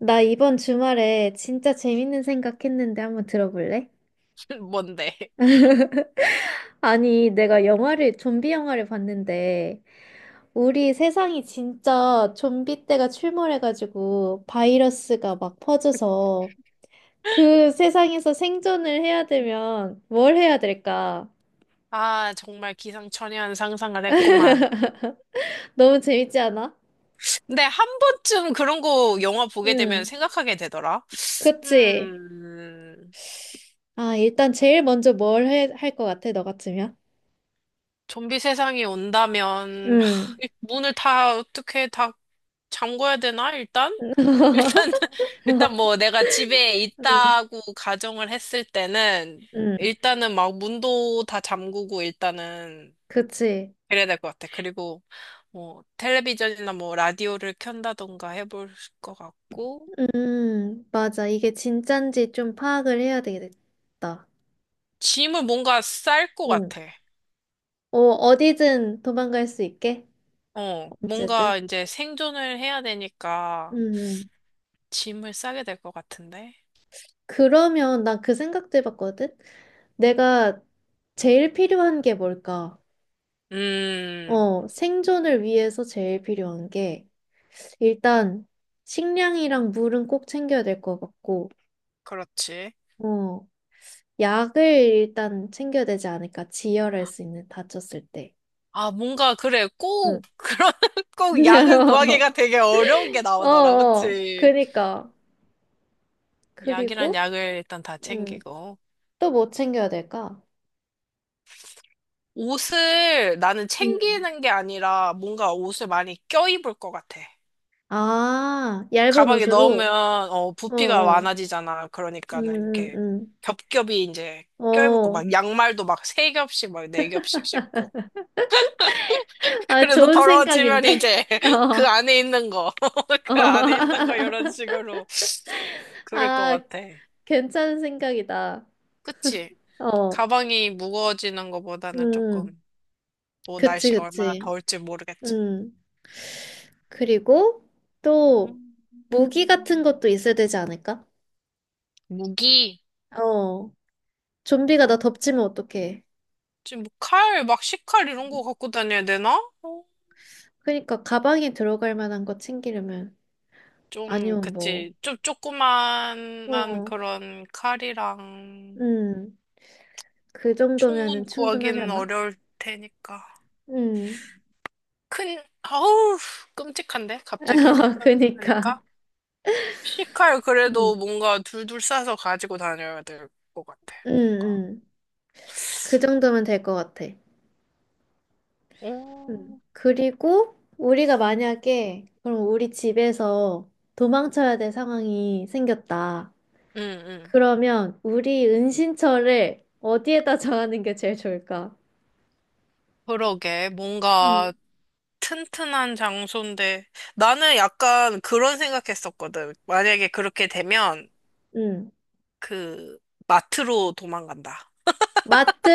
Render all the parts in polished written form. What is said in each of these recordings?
나 이번 주말에 진짜 재밌는 생각했는데 한번 들어볼래? 뭔데? 아니, 내가 영화를, 좀비 영화를 봤는데, 우리 세상이 진짜 좀비 때가 출몰해가지고 바이러스가 막 퍼져서 그 세상에서 생존을 해야 되면 뭘 해야 될까? 아, 정말 기상천외한 상상을 했구만. 너무 재밌지 않아? 근데 한 번쯤 그런 거 영화 보게 되면 응, 생각하게 되더라. 그치? 음, 아, 일단 제일 먼저 뭘 할 것 같아, 너 같으면? 좀비 세상이 온다면, 하, 응, 이 문을 다 어떻게 다 잠궈야 되나, 일단? 일단, 일단 뭐 내가 집에 응, 있다고 가정을 했을 때는, 응, 일단은 막 문도 다 잠그고 일단은 그치? 그래야 될 것 같아. 그리고 뭐 텔레비전이나 뭐 라디오를 켠다던가 해볼 것 같고 맞아. 이게 진짠지 좀 파악을 해야 되겠다. 짐을 뭔가 쌀 것 응. 같아. 어, 어디든 도망갈 수 있게. 어, 언제든. 뭔가 이제 생존을 해야 되니까 음. 짐을 싸게 될 것 같은데. 그러면 난 그 생각도 해봤거든? 내가 제일 필요한 게 뭘까? 음, 어, 생존을 위해서 제일 필요한 게, 일단, 식량이랑 물은 꼭 챙겨야 될 것 같고, 그렇지. 어, 약을 일단 챙겨야 되지 않을까? 지혈할 수 있는, 다쳤을 때. 아, 뭔가 그래. 응. 꼭 그런 꼭 약을 구하기가 되게 어려운 게 어, 나오더라. 어, 그치? 그니까. 약이란 그리고, 약을 일단 다 음, 챙기고. 또 뭐 챙겨야 될까? 옷을 나는 음. 챙기는 게 아니라 뭔가 옷을 많이 껴입을 것 같아. 아, 얇은 가방에 옷으로? 넣으면 어, 부피가 많 어. 아지잖아 그러니까는 음, 이렇게 음, 겹겹이 이제 껴입고 어. 막 양말도 막 세 겹씩 막 네 겹씩 신고. 아, 그래서 좋은 더러워지면 생각인데? 이제 그 어, 안에 있는 거, 그 안에 있는 거 어. 이런 식으로 그럴 것 아, 같아. 괜찮은 생각이다. 그치? 어. 가방이 무거워지는 것보다는 음, 조금 뭐 그치, 날씨가 얼마나 그치. 더울지 모르겠지. 음. 그리고 또 음, 무기 같은 것도 있어야 되지 않을까? 무기? 어. 좀비가 나 어, 덮치면 어떡해. 지금 뭐 칼, 막 식칼 이런 거 갖고 다녀야 되나? 어? 그러니까 가방에 들어갈 만한 거 챙기려면 좀, 아니면 뭐, 그치. 좀 조그만한 어, 그런 칼이랑 음, 그 총은 정도면은 구하기는 충분하려나? 어려울 테니까. 음, 큰, 아우, 끔찍한데? 갑자기 그니까, 생각하니까. C칼 그래도 음, 뭔가 둘둘 싸서 가지고 다녀야 될 것 같아. 음, 뭔가. 음, 그 정도면 될 것 같아. 음. 오. 그리고 우리가 응, 만약에 그럼 우리 집에서 도망쳐야 될 상황이 생겼다. 응. 그러면 우리 은신처를 어디에다 정하는 게 제일 좋을까? 그러게. 음, 뭔가 튼튼한 장소인데. 나는 약간 그런 생각했었거든. 만약에 그렇게 되면 음. 그 마트로 도망간다. 마트!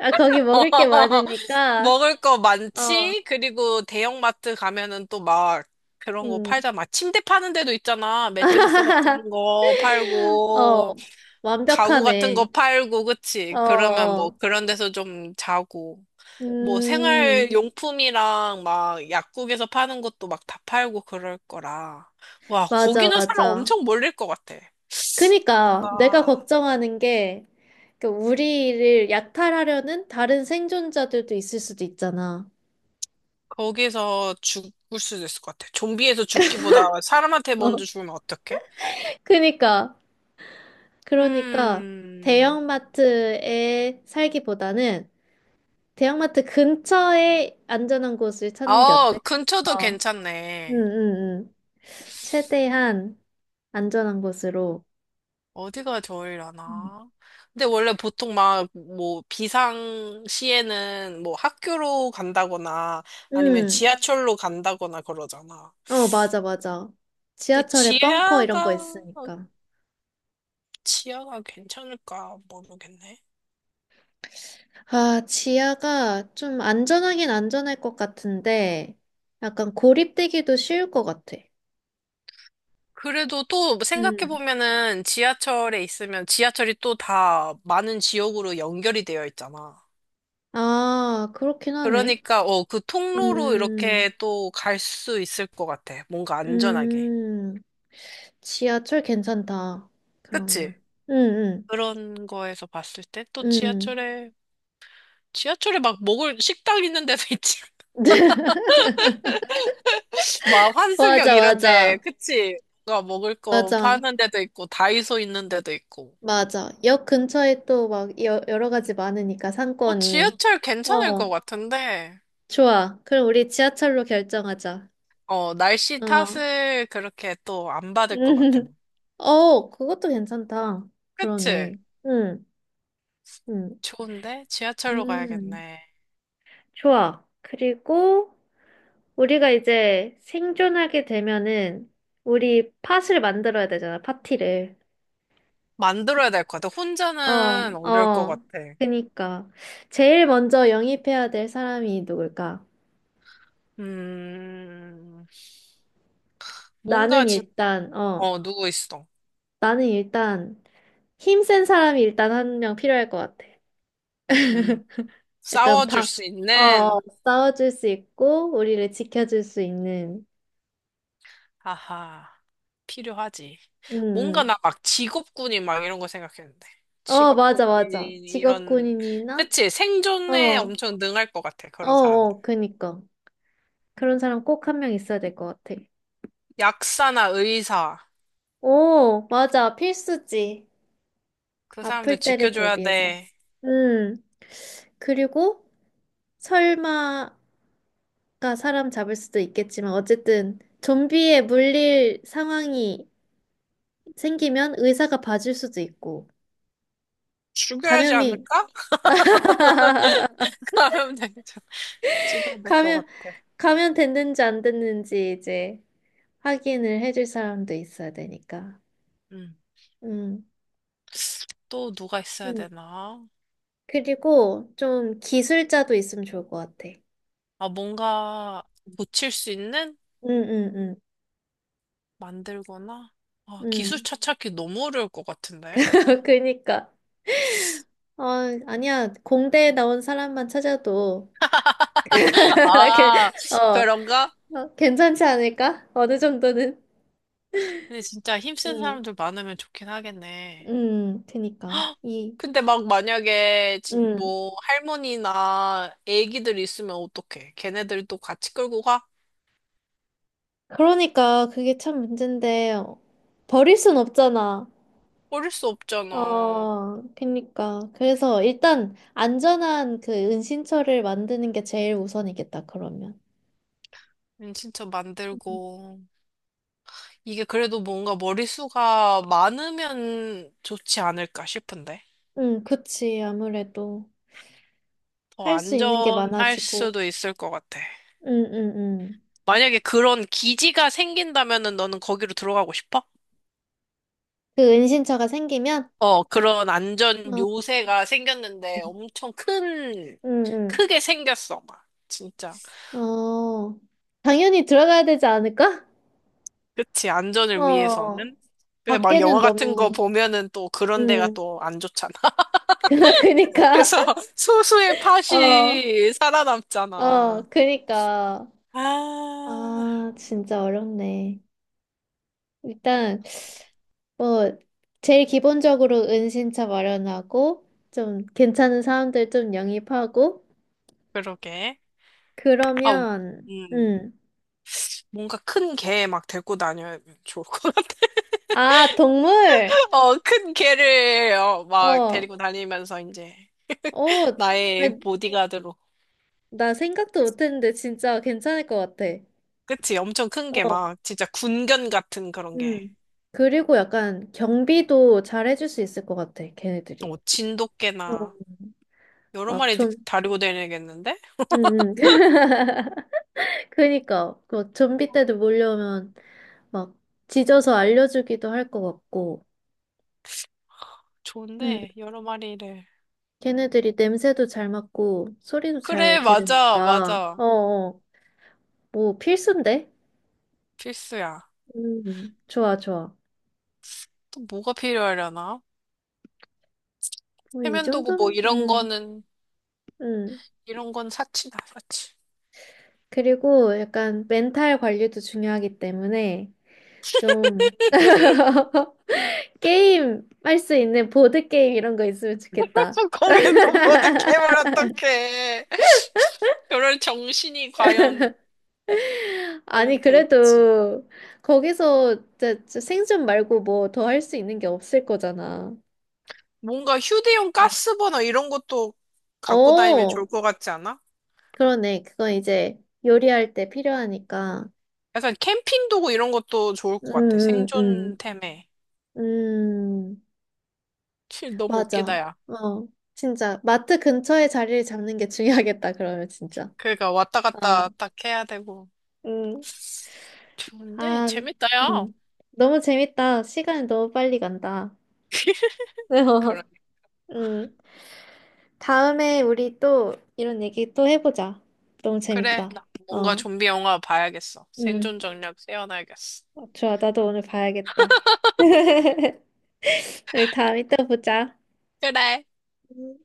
아, 거기 먹을 게 많으니까. 먹을 거 어, 많지? 그리고 대형마트 가면은 또 막 그런 거 음. 팔잖아. 막 침대 파는 데도 있잖아. 매트리스 같은 거 어, 팔고, 가구 같은 완벽하네. 거 팔고, 어, 그치? 그러면 뭐 어. 그런 데서 좀 자고. 뭐 음, 생활용품이랑 막 약국에서 파는 것도 막 다 팔고 그럴 거라. 와, 맞아, 거기는 사람 맞아. 엄청 몰릴 것 같아. 그니까 내가 뭔가 걱정하는 게, 그 우리를 약탈하려는 다른 생존자들도 있을 수도 있잖아. 거기서 죽을 수도 있을 것 같아. 좀비에서 죽기보다 사람한테 어. 먼저 죽으면 어떡해? 그니까, 그러니까 음, 대형마트에 살기보다는 대형마트 근처에 안전한 곳을 찾는 게 아, 어때? 근처도 어. 응, 괜찮네. 응, 응. 최대한 안전한 곳으로. 어디가 응, 좋으려나? 근데 원래 보통 막, 뭐, 비상시에는 뭐 학교로 간다거나 아니면 응. 지하철로 간다거나 그러잖아. 어, 맞아, 맞아. 근데 지하철에 벙커 이런 거 지하가, 있으니까. 지하가 괜찮을까 모르겠네. 아, 지하가 좀 안전하긴 안전할 것 같은데, 약간 고립되기도 쉬울 것 같아. 그래도 또 음. 생각해보면은 지하철에 있으면 지하철이 또 다 많은 지역으로 연결이 되어 있잖아. 아, 그렇긴 하네. 그러니까, 어, 그 통로로 음, 이렇게 또 갈 수 있을 것 같아. 뭔가 안전하게. 음, 지하철 괜찮다. 그치? 그러면. 응, 그런 거에서 봤을 때 또 응, 응. 지하철에, 지하철에 막 먹을, 식당 있는 데도 있지. 막 환승역 맞아, 이런데, 맞아. 그치? 뭔가 먹을 거 맞아. 파는 데도 있고, 다이소 있는 데도 있고. 맞아. 역 근처에 또 막 여러 가지 많으니까 어, 상권이. 지하철 괜찮을 것 어, 같은데, 좋아. 그럼 우리 지하철로 결정하자. 어, 날씨 어. 탓을 그렇게 또 안 받을 것 같아. 어, 그것도 괜찮다. 그치? 그러네. 응, 응, 좋은데? 지하철로 음, 가야겠네. 좋아. 그리고 우리가 이제 생존하게 되면은 우리 팟을 만들어야 되잖아, 파티를. 만들어야 될 것 같아. 어, 혼자는 어려울 것 어. 같아. 그니까. 제일 먼저 영입해야 될 사람이 누굴까? 음, 뭔가 나는 진, 일단, 어. 어, 누구 있어. 나는 일단 힘센 사람이 일단 한 명 필요할 것 같아. 음, 약간 싸워줄 방, 수 어, 어, 있는, 싸워줄 수 있고 우리를 지켜줄 수 있는. 하하, 필요하지. 응 뭔가 응 나 막 직업군인 막 이런 거 생각했는데. 어, 맞아, 직업군인, 맞아. 이런, 직업군인이나 그치? 어, 생존에 어, 엄청 능할 것 같아. 그런 사람들. 어, 그니까 그런 사람 꼭 한 명 있어야 될 것 같아. 약사나 의사. 오, 맞아, 필수지. 그 사람들 아플 때를 지켜줘야 대비해서. 돼. 음. 그리고 설마가 사람 잡을 수도 있겠지만 어쨌든 좀비에 물릴 상황이 생기면 의사가 봐줄 수도 있고, 죽여야지 감염이, 않을까? 하면 되죠. 죽여야 될 것 감염, 같아. 감염 됐는지 안 됐는지 이제 확인을 해줄 사람도 있어야 되니까. 음. 음, 또 누가 있어야 음. 되나? 그리고 좀 기술자도 있으면 좋을 것 같아. 아, 뭔가 고칠 수 있는? 음, 음, 만들거나? 아, 음, 음. 기술차 찾기 너무 어려울 것 같은데? 그니까. 어, 아니야. 공대에 나온 사람만 찾아도, 이렇게, 아, 어, 그런가? 어, 괜찮지 않을까? 어느 정도는. 근데 진짜 힘쓴 음, 사람들 많으면 좋긴 하겠네. 그니까. 이, 근데 막 만약에 음. 뭐 할머니나 애기들 있으면 어떡해? 걔네들도 같이 끌고 가? 그러니까 그게 참 문제인데 어, 버릴 순 없잖아. 버릴 수 없잖아. 어, 그니까. 그래서 일단 안전한 그 은신처를 만드는 게 제일 우선이겠다, 그러면. 진짜 음. 만들고. 이게 그래도 뭔가 머리수가 많으면 좋지 않을까 싶은데. 응, 그치. 아무래도 더 할 수 있는 게 안전할 많아지고. 수도 있을 것 같아. 응, 응, 응. 만약에 그런 기지가 생긴다면은 너는 거기로 들어가고 싶어? 그 은신처가 생기면? 어, 그런 안전 어, 요새가 생겼는데 엄청 큰, 응, 크게 생겼어, 막. 진짜. 응. 어, 당연히 들어가야 되지 않을까? 그치, 안전을 어, 위해서는. 근데 막 밖에는 영화 같은 거 너무, 보면은 또 그런 데가 응, 또 안 좋잖아. 그니까. 그래서 소수의 어. 팥이 어, 살아남잖아. 그니까. 아, 아, 진짜 어렵네. 일단, 뭐, 제일 기본적으로 은신처 마련하고, 좀 괜찮은 사람들 좀 영입하고, 그러게. 아, 그러면, 음, 뭔가 큰 개 막 데리고 다녀야 좋을 것 같아. 아, 동물! 어, 큰 개를 어, 막 어, 데리고 다니면서 이제 어, 나, 나의 보디가드로. 나 생각도 못했는데 진짜 괜찮을 것 같아. 그치? 엄청 큰 어, 개 막 진짜 군견 같은 그런 게. 음. 그리고 약간 경비도 잘해줄 수 있을 것 같아, 걔네들이. 어, 어, 진돗개나 여러 막 마리 좀, 다리고 다니겠는데? 음. 그니까, 그 좀비 때도 몰려오면, 막 짖어서 알려주기도 할 것 같고, 음, 좋은데 여러 마리를. 걔네들이 냄새도 잘 맡고 소리도 잘 그래, 맞아, 들으니까, 맞아. 어, 어, 뭐 필수인데? 필수야. 좋아, 좋아. 또 뭐가 필요하려나? 뭐 이 세면도구 뭐 정도면, 이런 거는 음. 이런 건 사치다, 사치. 그리고 약간 멘탈 관리도 중요하기 때문에 좀 게임 할 수 있는 보드 게임 이런 거 있으면 좋겠다. 거기서 모든 개발 어떡해. 그럴 정신이 아니, 과연 될지. 그래도 거기서 진짜 생존 말고 뭐 더 할 수 있는 게 없을 거잖아. 뭔가 휴대용 가스버너 이런 것도 갖고 다니면 좋을 어, 것 같지 않아? 그러네. 그건 이제 요리할 때 필요하니까. 약간 캠핑 도구 이런 것도 좋을 것 같아. 음, 음, 생존템에. 음. 음, 치, 너무 웃기다, 맞아. 야. 어, 진짜. 마트 근처에 자리를 잡는 게 중요하겠다, 그러면 진짜. 그러니까 왔다 어, 갔다 딱 해야 되고. 음. 좋은데? 아, 재밌다, 야. 음. 너무 재밌다. 시간이 너무 빨리 간다. 그래. 음. 다음에 우리 또 이런 얘기 또 해보자. 너무 그래. 재밌다. 나 뭔가 어, 좀비 영화 봐야겠어. 음. 생존 전략 세워놔야겠어. 좋아. 나도 오늘 봐야겠다. 우리 다음에 또 보자. 그래. 음.